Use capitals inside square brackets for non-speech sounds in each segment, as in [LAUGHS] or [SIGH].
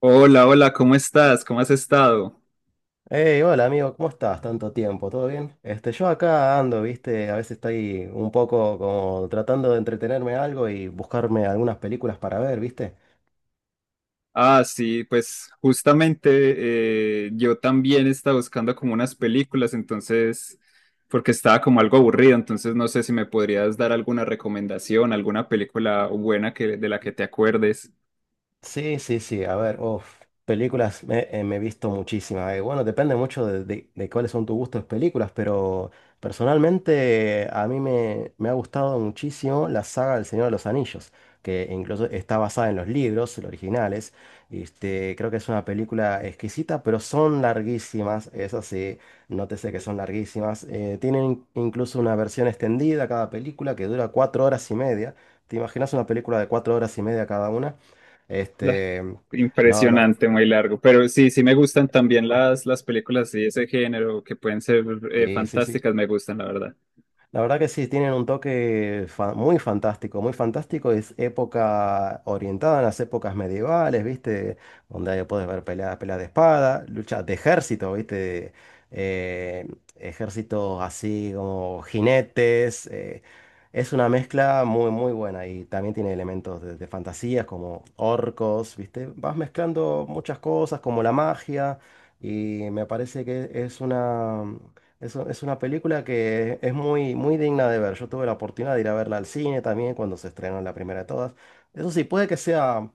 Hola, hola, ¿cómo estás? ¿Cómo has estado? Hey, hola amigo, ¿cómo estás? Tanto tiempo, ¿todo bien? Yo acá ando, viste, a veces estoy un poco como tratando de entretenerme algo y buscarme algunas películas para ver, viste. Ah, sí, pues justamente yo también estaba buscando como unas películas, entonces, porque estaba como algo aburrido, entonces no sé si me podrías dar alguna recomendación, alguna película buena de la que te acuerdes. Sí, sí, sí, a ver, uf, me he visto muchísimas. Bueno, depende mucho de, de cuáles son tus gustos de películas, pero personalmente me ha gustado muchísimo la saga del Señor de los Anillos, que incluso está basada en los libros, los originales. Creo que es una película exquisita, pero son larguísimas, eso sí, nótese que son larguísimas. Tienen incluso una versión extendida cada película que dura cuatro horas y media. ¿Te imaginas una película de cuatro horas y media cada una? La- Este, no, no, Impresionante, muy largo. Pero sí, sí me gustan también las películas de ese género que pueden ser sí, sí, sí. fantásticas, me gustan, la verdad. La verdad que sí, tienen un toque muy fantástico, muy fantástico. Es época orientada en las épocas medievales, ¿viste? Donde ahí puedes ver peleas, peleas de espada, luchas de ejército, ¿viste? Eh, Ejércitos así como jinetes. Es una mezcla muy, muy buena y también tiene elementos de fantasías como orcos, ¿viste? Vas mezclando muchas cosas como la magia y me parece que es una... Es, es una película que es muy, muy digna de ver. Yo tuve la oportunidad de ir a verla al cine también cuando se estrenó la primera de todas. Eso sí, puede que sea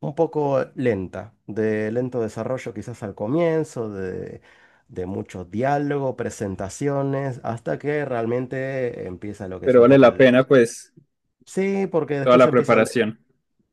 un poco lenta, de lento desarrollo quizás al comienzo, de mucho diálogo, presentaciones, hasta que realmente empieza lo que es Pero un vale poco la el... pena, pues. Sí, porque Toda después la empieza preparación.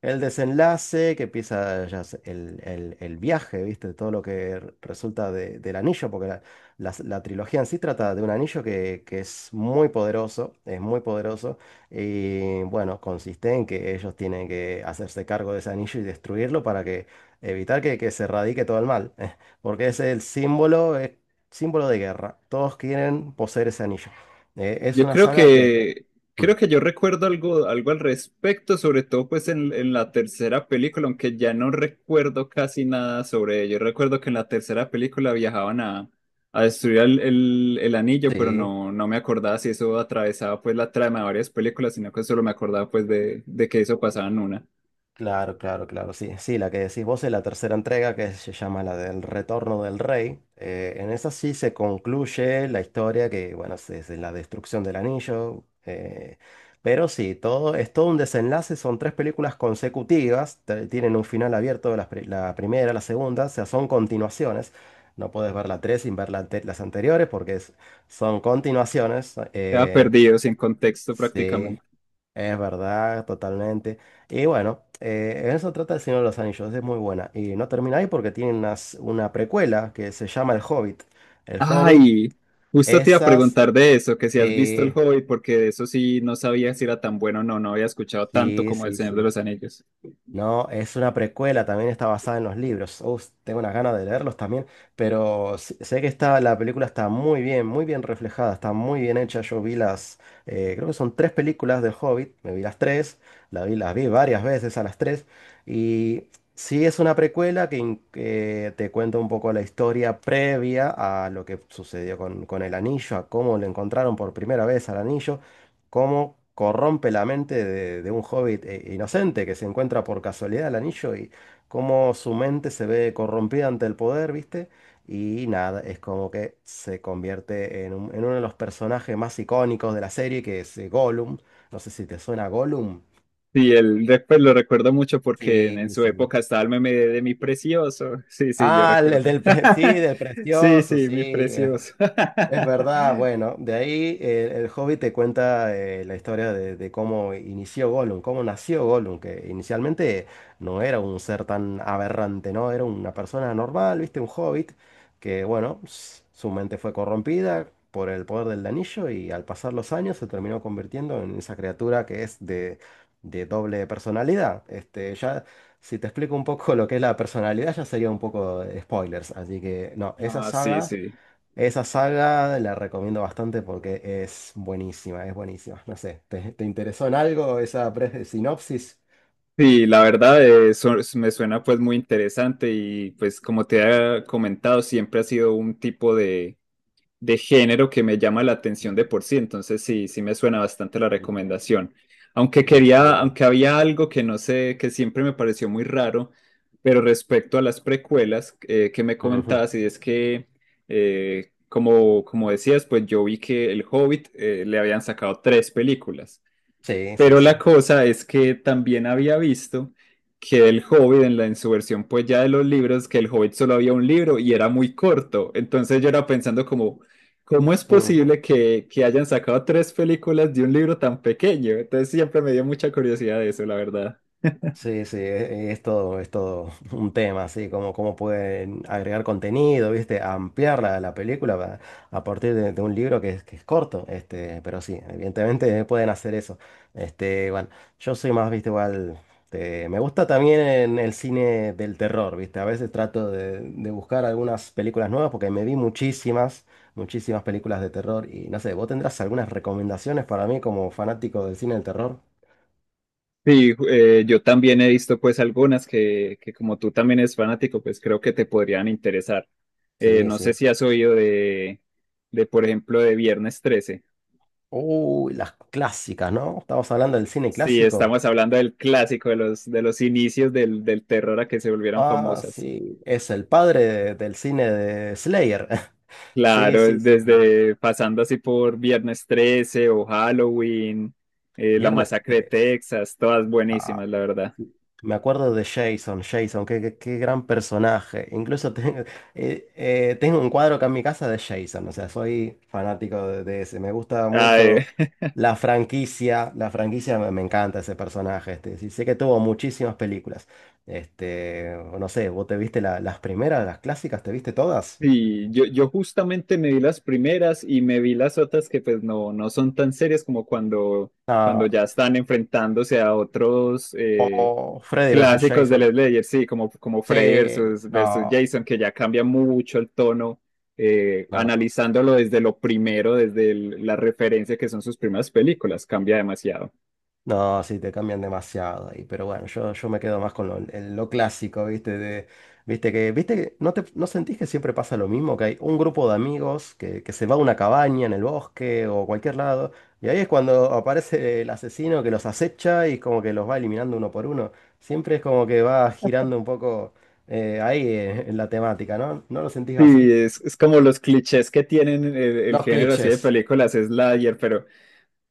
el desenlace, que empieza ya el, el viaje, ¿viste? Todo lo que resulta del anillo, porque la trilogía en sí trata de un anillo que es muy poderoso, y bueno, consiste en que ellos tienen que hacerse cargo de ese anillo y destruirlo para que evitar que se radique todo el mal, [LAUGHS] porque es el símbolo, es símbolo de guerra, todos quieren poseer ese anillo. Es Yo una creo saga que... que Mm. Creo que yo recuerdo algo, algo al respecto, sobre todo pues en la tercera película, aunque ya no recuerdo casi nada sobre ello. Recuerdo que en la tercera película a destruir el anillo, pero Sí. no, no me acordaba si eso atravesaba pues la trama de varias películas, sino que solo me acordaba pues de que eso pasaba en una. Claro, claro, claro, sí, sí, la que decís vos es la tercera entrega que se llama la del Retorno del Rey. En esa sí se concluye la historia que, bueno, es la destrucción del anillo. Pero sí, todo, es todo un desenlace, son tres películas consecutivas, tienen un final abierto, primera, la segunda, o sea, son continuaciones. No puedes ver la tres sin ver las anteriores porque son continuaciones. Quedaba perdido, sin contexto Sí, prácticamente. es verdad, totalmente. Y bueno, eso trata El Señor de los Anillos, es muy buena. Y no termina ahí porque tiene una precuela que se llama El Hobbit. El Hobbit, Ay, justo te iba a esas, preguntar de eso, que si has visto El sí, Hobbit, porque de eso sí no sabía si era tan bueno o no, no había escuchado tanto sí, como El sí, Señor de sí. los Anillos. No, es una precuela, también está basada en los libros. Uf, tengo unas ganas de leerlos también, pero sé que está, la película está muy bien reflejada, está muy bien hecha. Yo vi las, creo que son tres películas del Hobbit, me vi las tres, las vi varias veces a las tres, y sí es una precuela que, que te cuenta un poco la historia previa a lo que sucedió con el anillo, a cómo le encontraron por primera vez al anillo, cómo corrompe la mente de un hobbit inocente que se encuentra por casualidad el anillo y cómo su mente se ve corrompida ante el poder, ¿viste? Y nada, es como que se convierte en, en uno de los personajes más icónicos de la serie, que es Gollum. No sé si te suena Gollum. Sí, pues lo recuerdo mucho porque en Sí, su sí. época estaba el meme de mi precioso. [LAUGHS] Sí, sí, yo Ah, el recuerdo. del, [LAUGHS] sí, [LAUGHS] del Sí, precioso, sí, mi sí. precioso. [LAUGHS] Es verdad, bueno, de ahí el Hobbit te cuenta la historia de cómo inició Gollum, cómo nació Gollum, que inicialmente no era un ser tan aberrante, ¿no? Era una persona normal, ¿viste? Un Hobbit, que bueno, su mente fue corrompida por el poder del anillo y al pasar los años se terminó convirtiendo en esa criatura que es de doble personalidad. Ya, si te explico un poco lo que es la personalidad, ya sería un poco de spoilers, así que no, esa Ah, sí, saga... sí. Esa saga la recomiendo bastante porque es buenísima, es buenísima. No sé, ¿te interesó en algo esa sinopsis? Sí, la verdad me suena pues muy interesante y pues como te he comentado, siempre ha sido un tipo de género que me llama la atención de por sí, entonces sí, sí me suena bastante la recomendación. Mm. Sí. Aunque había algo que no sé, que siempre me pareció muy raro, pero respecto a las precuelas que me Ujú. comentabas, y es que, como decías, pues yo vi que El Hobbit le habían sacado tres películas. Sí, sí, Pero la sí. cosa es que también había visto que el Hobbit en la en su versión pues ya de los libros, que el Hobbit solo había un libro y era muy corto. Entonces yo era pensando como, ¿cómo es Ujú. posible que hayan sacado tres películas de un libro tan pequeño? Entonces siempre me dio mucha curiosidad de eso, la verdad. Sí, sí, es todo [LAUGHS] un tema, así como cómo pueden agregar contenido, ¿viste? Ampliar la película a partir de un libro que es corto, este, pero sí, evidentemente [LAUGHS] pueden hacer eso. Bueno, yo soy más, ¿viste? Igual, me gusta también en el cine del terror, ¿viste? A veces trato de buscar algunas películas nuevas porque me vi muchísimas, muchísimas películas de terror y no sé, ¿vos tendrás algunas recomendaciones para mí como fanático del cine del terror? Sí, yo también he visto pues algunas que como tú también eres fanático, pues creo que te podrían interesar. Sí, No sé sí. si has oído de, por ejemplo, de Viernes 13. Uy, las clásicas, ¿no? Estamos hablando del cine Sí, clásico. estamos hablando del clásico de los inicios del terror a que se volvieran Ah, famosas. sí, es el padre del cine de Slayer. [LAUGHS] Sí, Claro, sí, sí. desde pasando así por Viernes 13 o Halloween, La Viernes Masacre de 3. Texas, todas buenísimas, la verdad. Me acuerdo de Jason, Jason, qué, qué gran personaje. Incluso tengo, [LAUGHS] tengo un cuadro acá en mi casa de Jason, o sea, soy fanático de ese. Me gusta mucho Ay, [LAUGHS] la franquicia, me encanta ese personaje. Sí, sé que tuvo muchísimas películas. No sé, ¿vos te viste las primeras, las clásicas? ¿Te viste todas? Y yo justamente me vi las primeras y me vi las otras que pues no, no son tan serias como cuando, cuando No, ya están enfrentándose a otros o Freddy versus clásicos del Jason. Slayer, sí, como, como Freddy Sí, versus no, Jason, que ya cambia mucho el tono, no. analizándolo desde lo primero, desde la referencia que son sus primeras películas, cambia demasiado. No, sí, te cambian demasiado ahí, pero bueno, yo me quedo más con lo, lo clásico, ¿viste? De, viste que no te, no sentís que siempre pasa lo mismo? Que hay un grupo de amigos que se va a una cabaña en el bosque o cualquier lado, y ahí es cuando aparece el asesino que los acecha y como que los va eliminando uno por uno. Siempre es como que va girando un poco ahí en la temática, ¿no? ¿No lo sentís Sí, así? Es como los clichés que tienen el Los género así de clichés. películas Slayer, pero...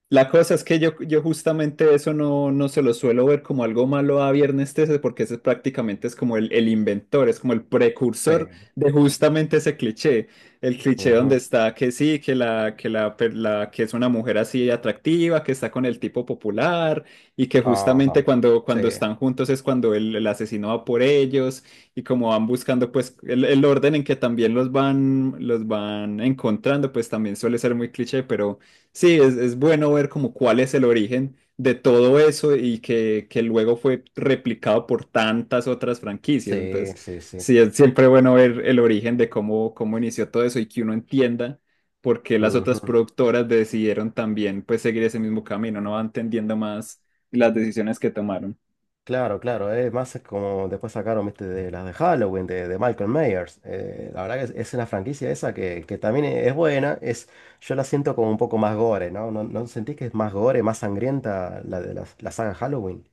La cosa es que yo justamente eso no, no se lo suelo ver como algo malo a Viernes 13 porque ese prácticamente es como el inventor, es como el precursor Sí. de justamente ese cliché, el cliché donde Ujú. está que sí, que la, per- la- que es una mujer así atractiva, que está con el tipo popular y que justamente Ajá. cuando, Sí, cuando están juntos es cuando el asesino va por ellos y como van buscando pues el orden en que también los van encontrando pues también suele ser muy cliché, pero... Sí, es bueno ver como cuál es el origen de todo eso y que luego fue replicado por tantas otras franquicias. sí, Entonces, sí, sí. sí, es siempre bueno ver el origen de cómo, cómo inició todo eso y que uno entienda por qué las otras Ujú. productoras decidieron también pues seguir ese mismo camino, ¿no? Va entendiendo más las decisiones que tomaron. Claro, claro, más es como después sacaron, viste, de las de Halloween, de Michael Myers. La verdad que es una franquicia esa que también es buena, es, yo la siento como un poco más gore, ¿no? ¿No, no sentís que es más gore, más sangrienta la de la saga Halloween?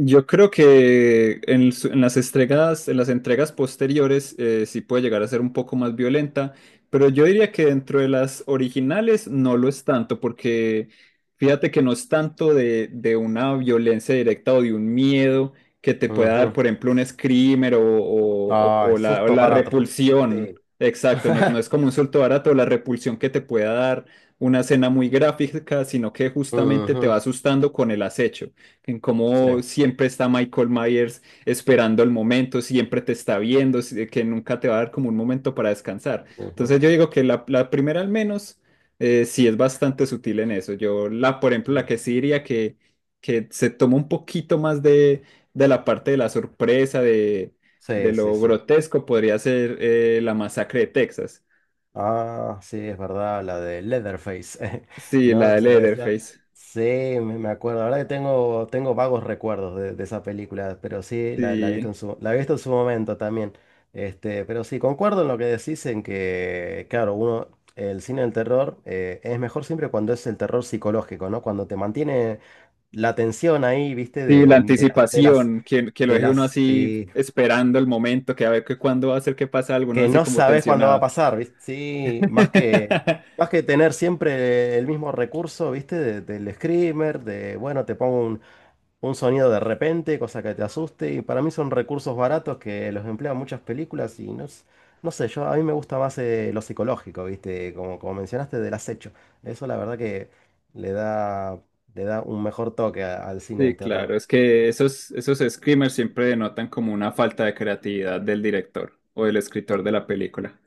Yo creo que en las entregas posteriores sí puede llegar a ser un poco más violenta, pero yo diría que dentro de las originales no lo es tanto, porque fíjate que no es tanto de una violencia directa o de un miedo que te pueda dar, Ujú. por ejemplo, un screamer Ah, es o susto la barato. repulsión. Sí. Exacto, no, no es [LAUGHS] como un suelto barato, la repulsión que te pueda dar una escena muy gráfica, sino que justamente te va Ujú. asustando con el acecho en Sí. cómo siempre está Michael Myers esperando el momento, siempre te está viendo, que nunca te va a dar como un momento para descansar. Ujú. Entonces yo digo que la primera al menos sí es bastante sutil en eso. Yo por ejemplo, la Ujú. que sí diría que se toma un poquito más de la parte de la sorpresa, de Sí, sí, lo sí. grotesco, podría ser la masacre de Texas. Ah, sí, es verdad, la de Leatherface, [LAUGHS] Sí, ¿no? la Que de se le decía. Leatherface. Sí, me acuerdo. La verdad que tengo, tengo vagos recuerdos de esa película, pero sí, la he visto Sí. en su, la he visto en su momento también. Pero sí, concuerdo en lo que decís en que, claro, uno, el cine del terror es mejor siempre cuando es el terror psicológico, ¿no? Cuando te mantiene la tensión ahí, ¿viste? Sí, la De las, de las, anticipación, que lo de deje las, uno así sí, esperando el momento, que a ver que cuándo va a ser que pasa algo, ¿no? que Así no como sabes cuándo va a tensionado. pasar, ¿viste? Sí, más [LAUGHS] que tener siempre el mismo recurso, ¿viste? Del screamer, de, bueno, te pongo un sonido de repente, cosa que te asuste, y para mí son recursos baratos que los emplean muchas películas y no, no sé, yo a mí me gusta más lo psicológico, ¿viste? Como, como mencionaste, del acecho. Eso la verdad que le da, le da un mejor toque al cine Sí, del terror. claro, es que esos, esos screamers siempre denotan como una falta de creatividad del director o del escritor de la película.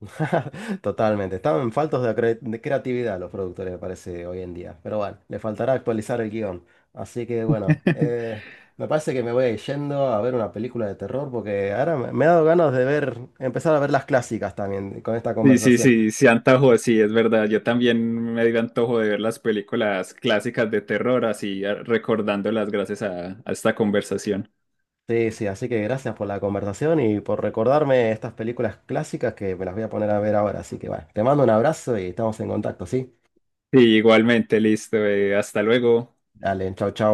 [LAUGHS] Totalmente. Estaban faltos de, de creatividad los productores, me parece, hoy en día. Pero bueno, le faltará actualizar el guión. Así que bueno, me parece que me voy a ir yendo a ver una película de terror porque ahora me, me ha dado ganas de ver, empezar a ver las clásicas también con esta Sí, sí, conversación. sí, sí, antojo, sí, es verdad. Yo también me dio antojo de ver las películas clásicas de terror, así recordándolas gracias a esta conversación. Sí, sí, así que gracias por la conversación y por recordarme estas películas clásicas que me las voy a poner a ver ahora. Así que bueno, te mando un abrazo y estamos en contacto, ¿sí? Sí, igualmente, listo. Hasta luego. Dale, chau, chau.